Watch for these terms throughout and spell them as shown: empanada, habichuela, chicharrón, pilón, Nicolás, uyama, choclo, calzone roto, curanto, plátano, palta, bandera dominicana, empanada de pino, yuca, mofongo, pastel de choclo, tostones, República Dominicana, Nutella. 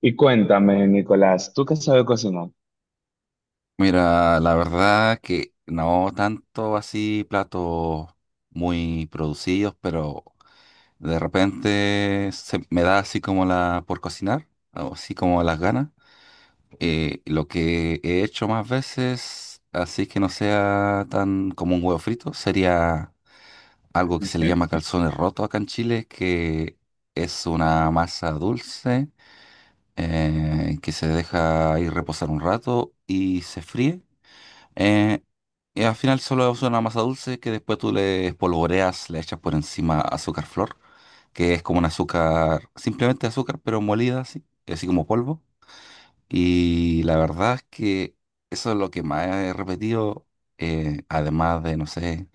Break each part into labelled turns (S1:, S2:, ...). S1: Y cuéntame, Nicolás, ¿tú qué sabes cocinar?
S2: Mira, la verdad que no tanto así platos muy producidos, pero de repente se me da así como la por cocinar, o así como las ganas. Lo que he hecho más veces, así que no sea tan como un huevo frito, sería algo que se le llama calzones rotos acá en Chile, que es una masa dulce que se deja ir reposar un rato y se fríe. Eh, y al final solo es una masa dulce que después tú le espolvoreas, le echas por encima azúcar flor, que es como un azúcar, simplemente azúcar, pero molida así, así como polvo. Y la verdad es que eso es lo que más he repetido, además de, no sé,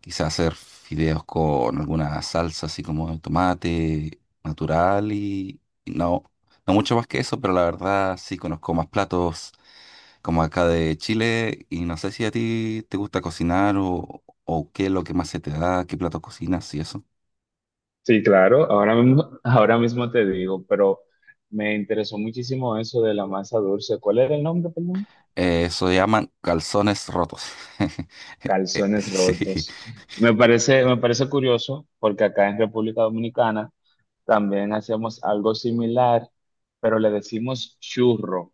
S2: quizás hacer fideos con alguna salsa así como de tomate natural y no, no mucho más que eso, pero la verdad sí conozco más platos como acá de Chile, y no sé si a ti te gusta cocinar o qué es lo que más se te da, qué plato cocinas y eso.
S1: Sí, claro, ahora mismo te digo, pero me interesó muchísimo eso de la masa dulce. ¿Cuál era el nombre, perdón?
S2: Eso se llaman calzones rotos.
S1: Calzones
S2: Sí,
S1: rotos. Me parece curioso porque acá en República Dominicana también hacemos algo similar, pero le decimos churro.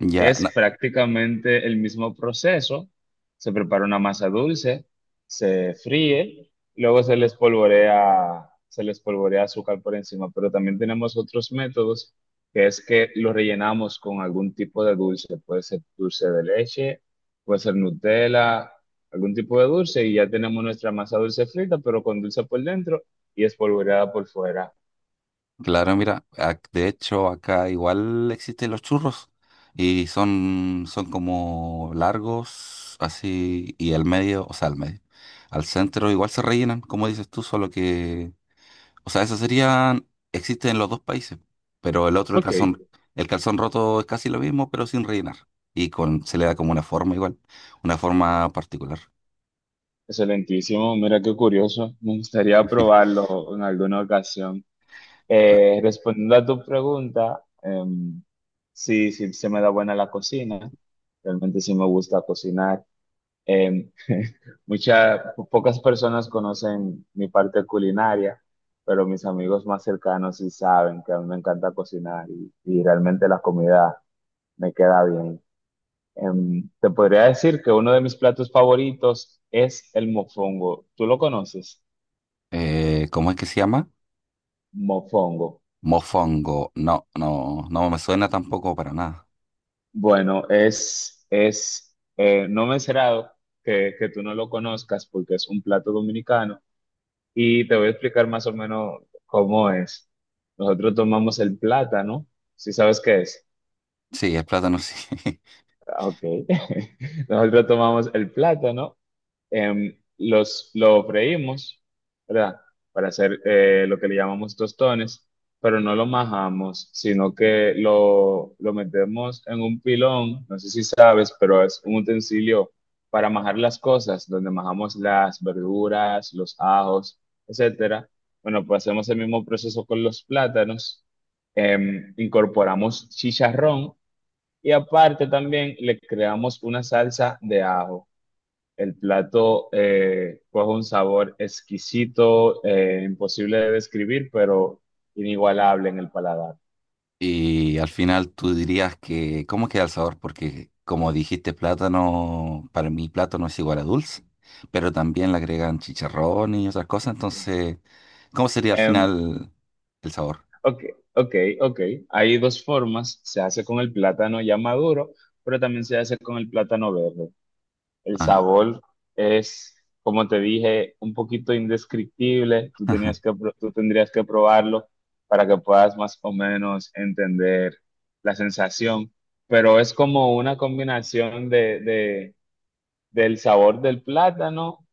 S2: ya,
S1: Es
S2: no,
S1: prácticamente el mismo proceso. Se prepara una masa dulce, se fríe, luego se le espolvorea azúcar por encima, pero también tenemos otros métodos, que es que lo rellenamos con algún tipo de dulce. Puede ser dulce de leche, puede ser Nutella, algún tipo de dulce, y ya tenemos nuestra masa dulce frita, pero con dulce por dentro y espolvoreada por fuera.
S2: claro, mira, de hecho acá igual existen los churros y son, son como largos, así, y al medio, o sea, al medio, al centro igual se rellenan, como dices tú, solo que o sea, eso serían, existen en los dos países, pero el otro,
S1: Ok.
S2: el calzón roto es casi lo mismo, pero sin rellenar. Y con, se le da como una forma igual, una forma particular.
S1: Excelentísimo, mira qué curioso. Me gustaría probarlo en alguna ocasión.
S2: La-
S1: Respondiendo a tu pregunta, sí, sí se me da buena la cocina. Realmente sí me gusta cocinar. Em, pocas personas conocen mi parte culinaria, pero mis amigos más cercanos sí saben que a mí me encanta cocinar y realmente la comida me queda bien. Te podría decir que uno de mis platos favoritos es el mofongo. ¿Tú lo conoces?
S2: ¿Cómo es que se llama?
S1: Mofongo.
S2: Mofongo. No, no, no me suena tampoco para nada.
S1: Bueno, es, es no me será que tú no lo conozcas porque es un plato dominicano y te voy a explicar más o menos cómo es. Nosotros tomamos el plátano, ¿si sabes qué es?
S2: Sí, el plátano sí.
S1: Ah, ok. Nosotros tomamos el plátano, los, lo freímos, ¿verdad? Para hacer lo que le llamamos tostones, pero no lo majamos, sino que lo metemos en un pilón, no sé si sabes, pero es un utensilio para majar las cosas, donde majamos las verduras, los ajos, etcétera. Bueno, pues hacemos el mismo proceso con los plátanos, incorporamos chicharrón y aparte también le creamos una salsa de ajo. El plato, coge un sabor exquisito, imposible de describir, pero inigualable en el paladar.
S2: Y al final tú dirías que, ¿cómo queda el sabor? Porque como dijiste, plátano, para mí plátano es igual a dulce, pero también le agregan chicharrón y otras cosas, entonces, ¿cómo sería al
S1: Em,
S2: final el sabor?
S1: ok, ok, ok. Hay dos formas. Se hace con el plátano ya maduro, pero también se hace con el plátano verde. El
S2: Ajá.
S1: sabor es, como te dije, un poquito indescriptible. Tú tenías tú tendrías que probarlo para que puedas más o menos entender la sensación. Pero es como una combinación de- del sabor del plátano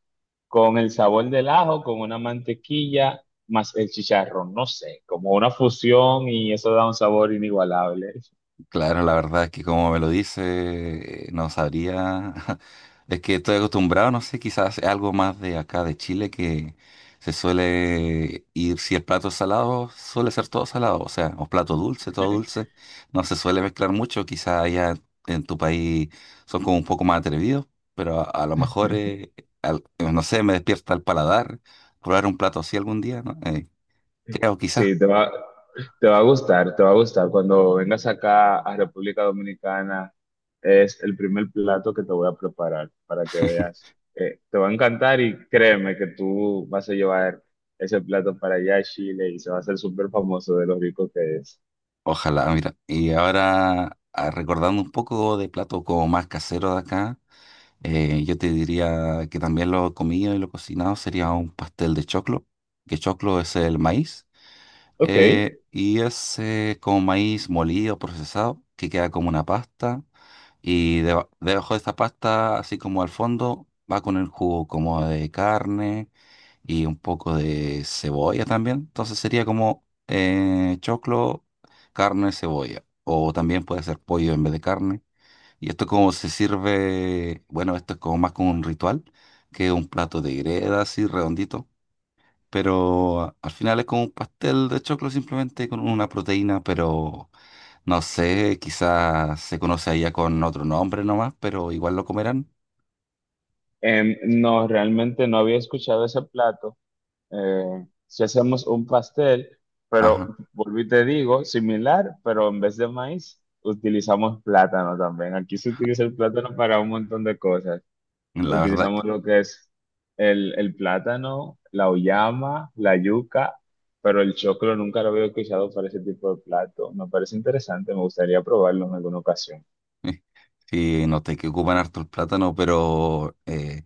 S1: con el sabor del ajo, con una mantequilla, más el chicharrón. No sé, como una fusión y eso da un sabor inigualable.
S2: Claro, la verdad es que como me lo dice, no sabría. Es que estoy acostumbrado, no sé, quizás es algo más de acá de Chile que se suele ir, si el plato es salado, suele ser todo salado, o sea, o plato dulce, todo dulce, no se suele mezclar mucho, quizás allá en tu país son como un poco más atrevidos, pero a lo mejor, no sé, me despierta el paladar probar un plato así algún día, ¿no? Creo, quizás.
S1: Sí, te va a gustar, te va a gustar. Cuando vengas acá a República Dominicana, es el primer plato que te voy a preparar para que veas. Te va a encantar y créeme que tú vas a llevar ese plato para allá a Chile y se va a hacer súper famoso de lo rico que es.
S2: Ojalá, mira. Y ahora, ah, recordando un poco de platos como más caseros de acá, yo te diría que también lo comido y lo cocinado sería un pastel de choclo, que choclo es el maíz,
S1: Ok.
S2: y es como maíz molido, procesado, que queda como una pasta, y debajo de esta pasta, así como al fondo, va con el jugo como de carne y un poco de cebolla también. Entonces sería como choclo, carne, cebolla. O también puede ser pollo en vez de carne. Y esto como se sirve, bueno, esto es como más como un ritual que un plato de greda así redondito. Pero al final es como un pastel de choclo simplemente con una proteína, pero no sé, quizás se conoce allá con otro nombre nomás, pero igual lo comerán.
S1: No, realmente no había escuchado ese plato. Si hacemos un pastel, pero
S2: Ajá,
S1: volví y te digo, similar, pero en vez de maíz, utilizamos plátano también. Aquí se utiliza el plátano para un montón de cosas.
S2: la verdad.
S1: Utilizamos lo que es el plátano, la uyama, la yuca, pero el choclo nunca lo había utilizado para ese tipo de plato. Me parece interesante, me gustaría probarlo en alguna ocasión.
S2: Sí, noté que ocupan harto el plátano, pero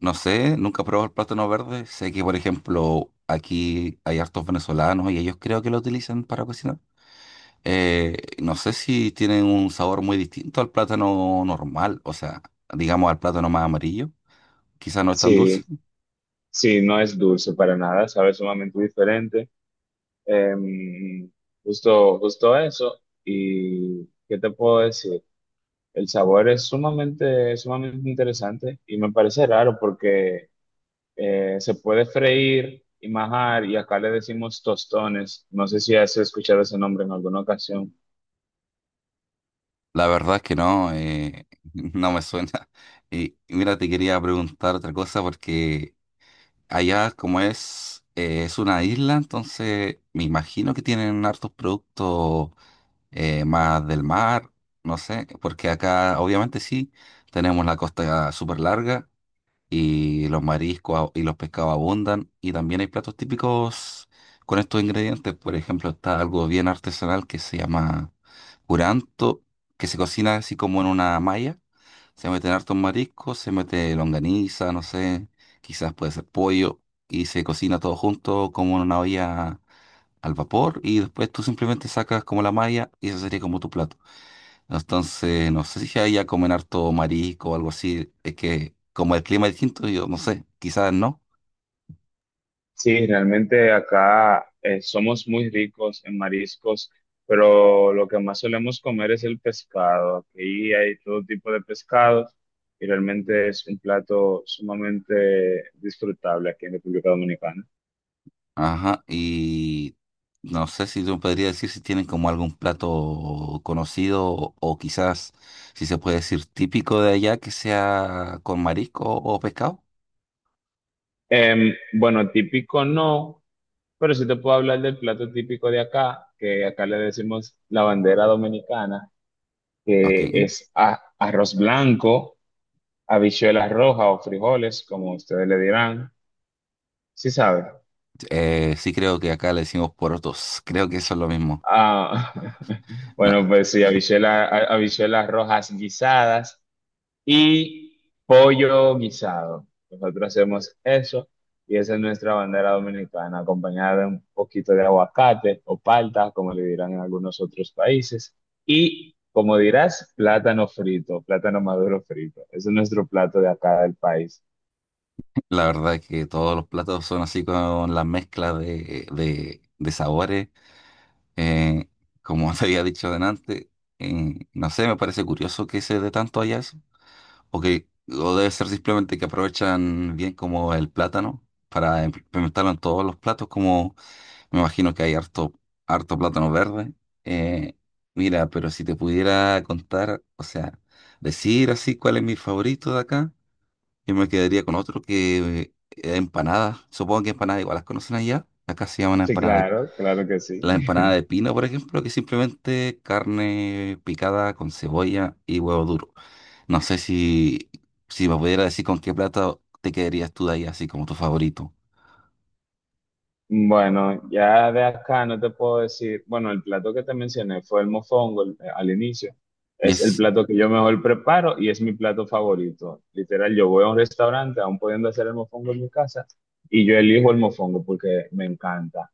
S2: no sé, nunca he probado el plátano verde. Sé que, por ejemplo, aquí hay hartos venezolanos y ellos creo que lo utilizan para cocinar. No sé si tienen un sabor muy distinto al plátano normal, o sea, digamos al plátano más amarillo. Quizás no es tan dulce.
S1: Sí, sí, no es dulce para nada, sabe sumamente diferente. Em, justo, justo eso. ¿Y qué te puedo decir? El sabor es sumamente, sumamente interesante y me parece raro porque se puede freír y majar y acá le decimos tostones. No sé si has escuchado ese nombre en alguna ocasión.
S2: La verdad es que no, no me suena. Y mira, te quería preguntar otra cosa porque allá, como es una isla, entonces me imagino que tienen hartos productos más del mar, no sé, porque acá obviamente sí, tenemos la costa súper larga y los mariscos y los pescados abundan y también hay platos típicos con estos ingredientes. Por ejemplo, está algo bien artesanal que se llama curanto, que se cocina así como en una malla se meten hartos mariscos, se mete longaniza, no sé, quizás puede ser pollo, y se cocina todo junto como en una olla al vapor, y después tú simplemente sacas como la malla y eso sería como tu plato. Entonces, no sé si ahí ya comen harto marisco o algo así, es que como el clima es distinto, yo no sé, quizás no.
S1: Sí, realmente acá, somos muy ricos en mariscos, pero lo que más solemos comer es el pescado. Aquí hay todo tipo de pescados y realmente es un plato sumamente disfrutable aquí en República Dominicana.
S2: Ajá, y no sé si tú me podrías decir si tienen como algún plato conocido o quizás si se puede decir típico de allá que sea con marisco o pescado.
S1: Bueno, típico no, pero sí te puedo hablar del plato típico de acá, que acá le decimos la bandera dominicana,
S2: Ok.
S1: que es arroz blanco, habichuelas rojas o frijoles, como ustedes le dirán. Sí sabe.
S2: Sí creo que acá le decimos porotos. Creo que eso es lo mismo.
S1: Ah,
S2: No,
S1: bueno, pues sí, habichuelas rojas guisadas y pollo guisado. Nosotros hacemos eso y esa es nuestra bandera dominicana, acompañada de un poquito de aguacate o palta, como le dirán en algunos otros países. Y, como dirás, plátano frito, plátano maduro frito. Ese es nuestro plato de acá del país.
S2: la verdad es que todos los platos son así con la mezcla de sabores. Eh, Como te había dicho delante, no sé, me parece curioso que se dé tanto allá eso. O que o debe ser simplemente que aprovechan bien como el plátano para implementarlo en todos los platos como me imagino que hay harto plátano verde. Eh, Mira, pero si te pudiera contar, o sea, decir así cuál es mi favorito de acá, yo me quedaría con otro que empanada. Supongo que empanadas igual las conocen allá. Acá se llaman
S1: Sí,
S2: empanada de,
S1: claro, claro que sí.
S2: la empanada de pino, por ejemplo, que es simplemente carne picada con cebolla y huevo duro. No sé si, si me pudiera decir con qué plato te quedarías tú de ahí, así como tu favorito.
S1: Bueno, ya de acá no te puedo decir, bueno, el plato que te mencioné fue el mofongo al inicio.
S2: Y
S1: Es el
S2: es
S1: plato que yo mejor preparo y es mi plato favorito. Literal, yo voy a un restaurante, aún pudiendo hacer el mofongo en mi casa, y yo elijo el mofongo porque me encanta.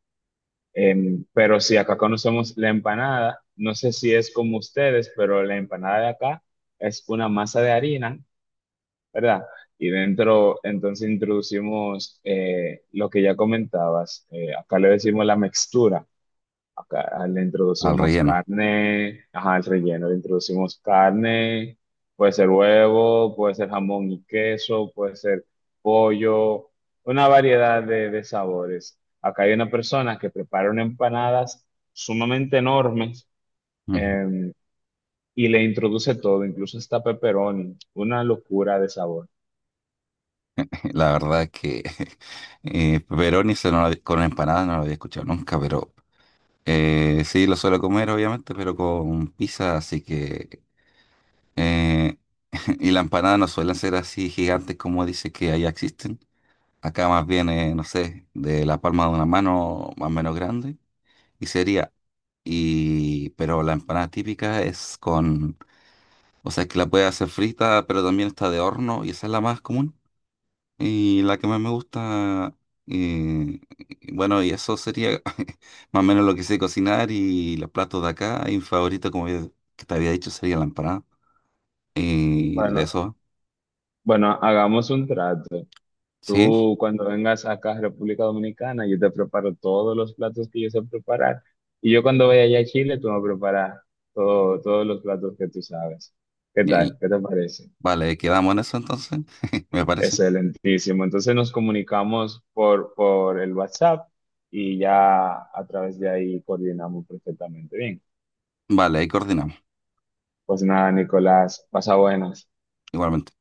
S1: Pero si acá conocemos la empanada, no sé si es como ustedes, pero la empanada de acá es una masa de harina, ¿verdad? Y dentro, entonces introducimos lo que ya comentabas. Acá le decimos la mixtura. Acá le
S2: al
S1: introducimos
S2: relleno.
S1: carne, ajá, el relleno, le introducimos carne, puede ser huevo, puede ser jamón y queso, puede ser pollo, una variedad de sabores. Acá hay una persona que prepara unas empanadas sumamente enormes, em, y le introduce todo, incluso hasta pepperoni, una locura de sabor.
S2: La verdad que pepperoni se no lo con empanada no lo había escuchado nunca, pero sí lo suelo comer obviamente, pero con pizza, así que eh, y la empanada no suelen ser así gigantes como dice que allá existen. Acá más bien, no sé, de la palma de una mano más o menos grande y sería y pero la empanada típica es con, o sea, que la puede hacer frita, pero también está de horno y esa es la más común. Y la que más me gusta, eh, bueno, y eso sería más o menos lo que sé cocinar y los platos de acá. Y mi favorito, como que te había dicho, sería la empanada. Y de
S1: Bueno,
S2: eso,
S1: bueno, hagamos un trato.
S2: ¿sí?
S1: Tú cuando vengas acá a República Dominicana, yo te preparo todos los platos que yo sé preparar. Y yo cuando vaya allá a Chile, tú me preparas todos los platos que tú sabes. ¿Qué
S2: Y-
S1: tal? ¿Qué te parece?
S2: vale, quedamos en eso entonces, me parece.
S1: Excelentísimo. Entonces nos comunicamos por el WhatsApp y ya a través de ahí coordinamos perfectamente bien.
S2: Vale, ahí coordinamos,
S1: Pues nada, Nicolás, pasa buenas.
S2: igualmente.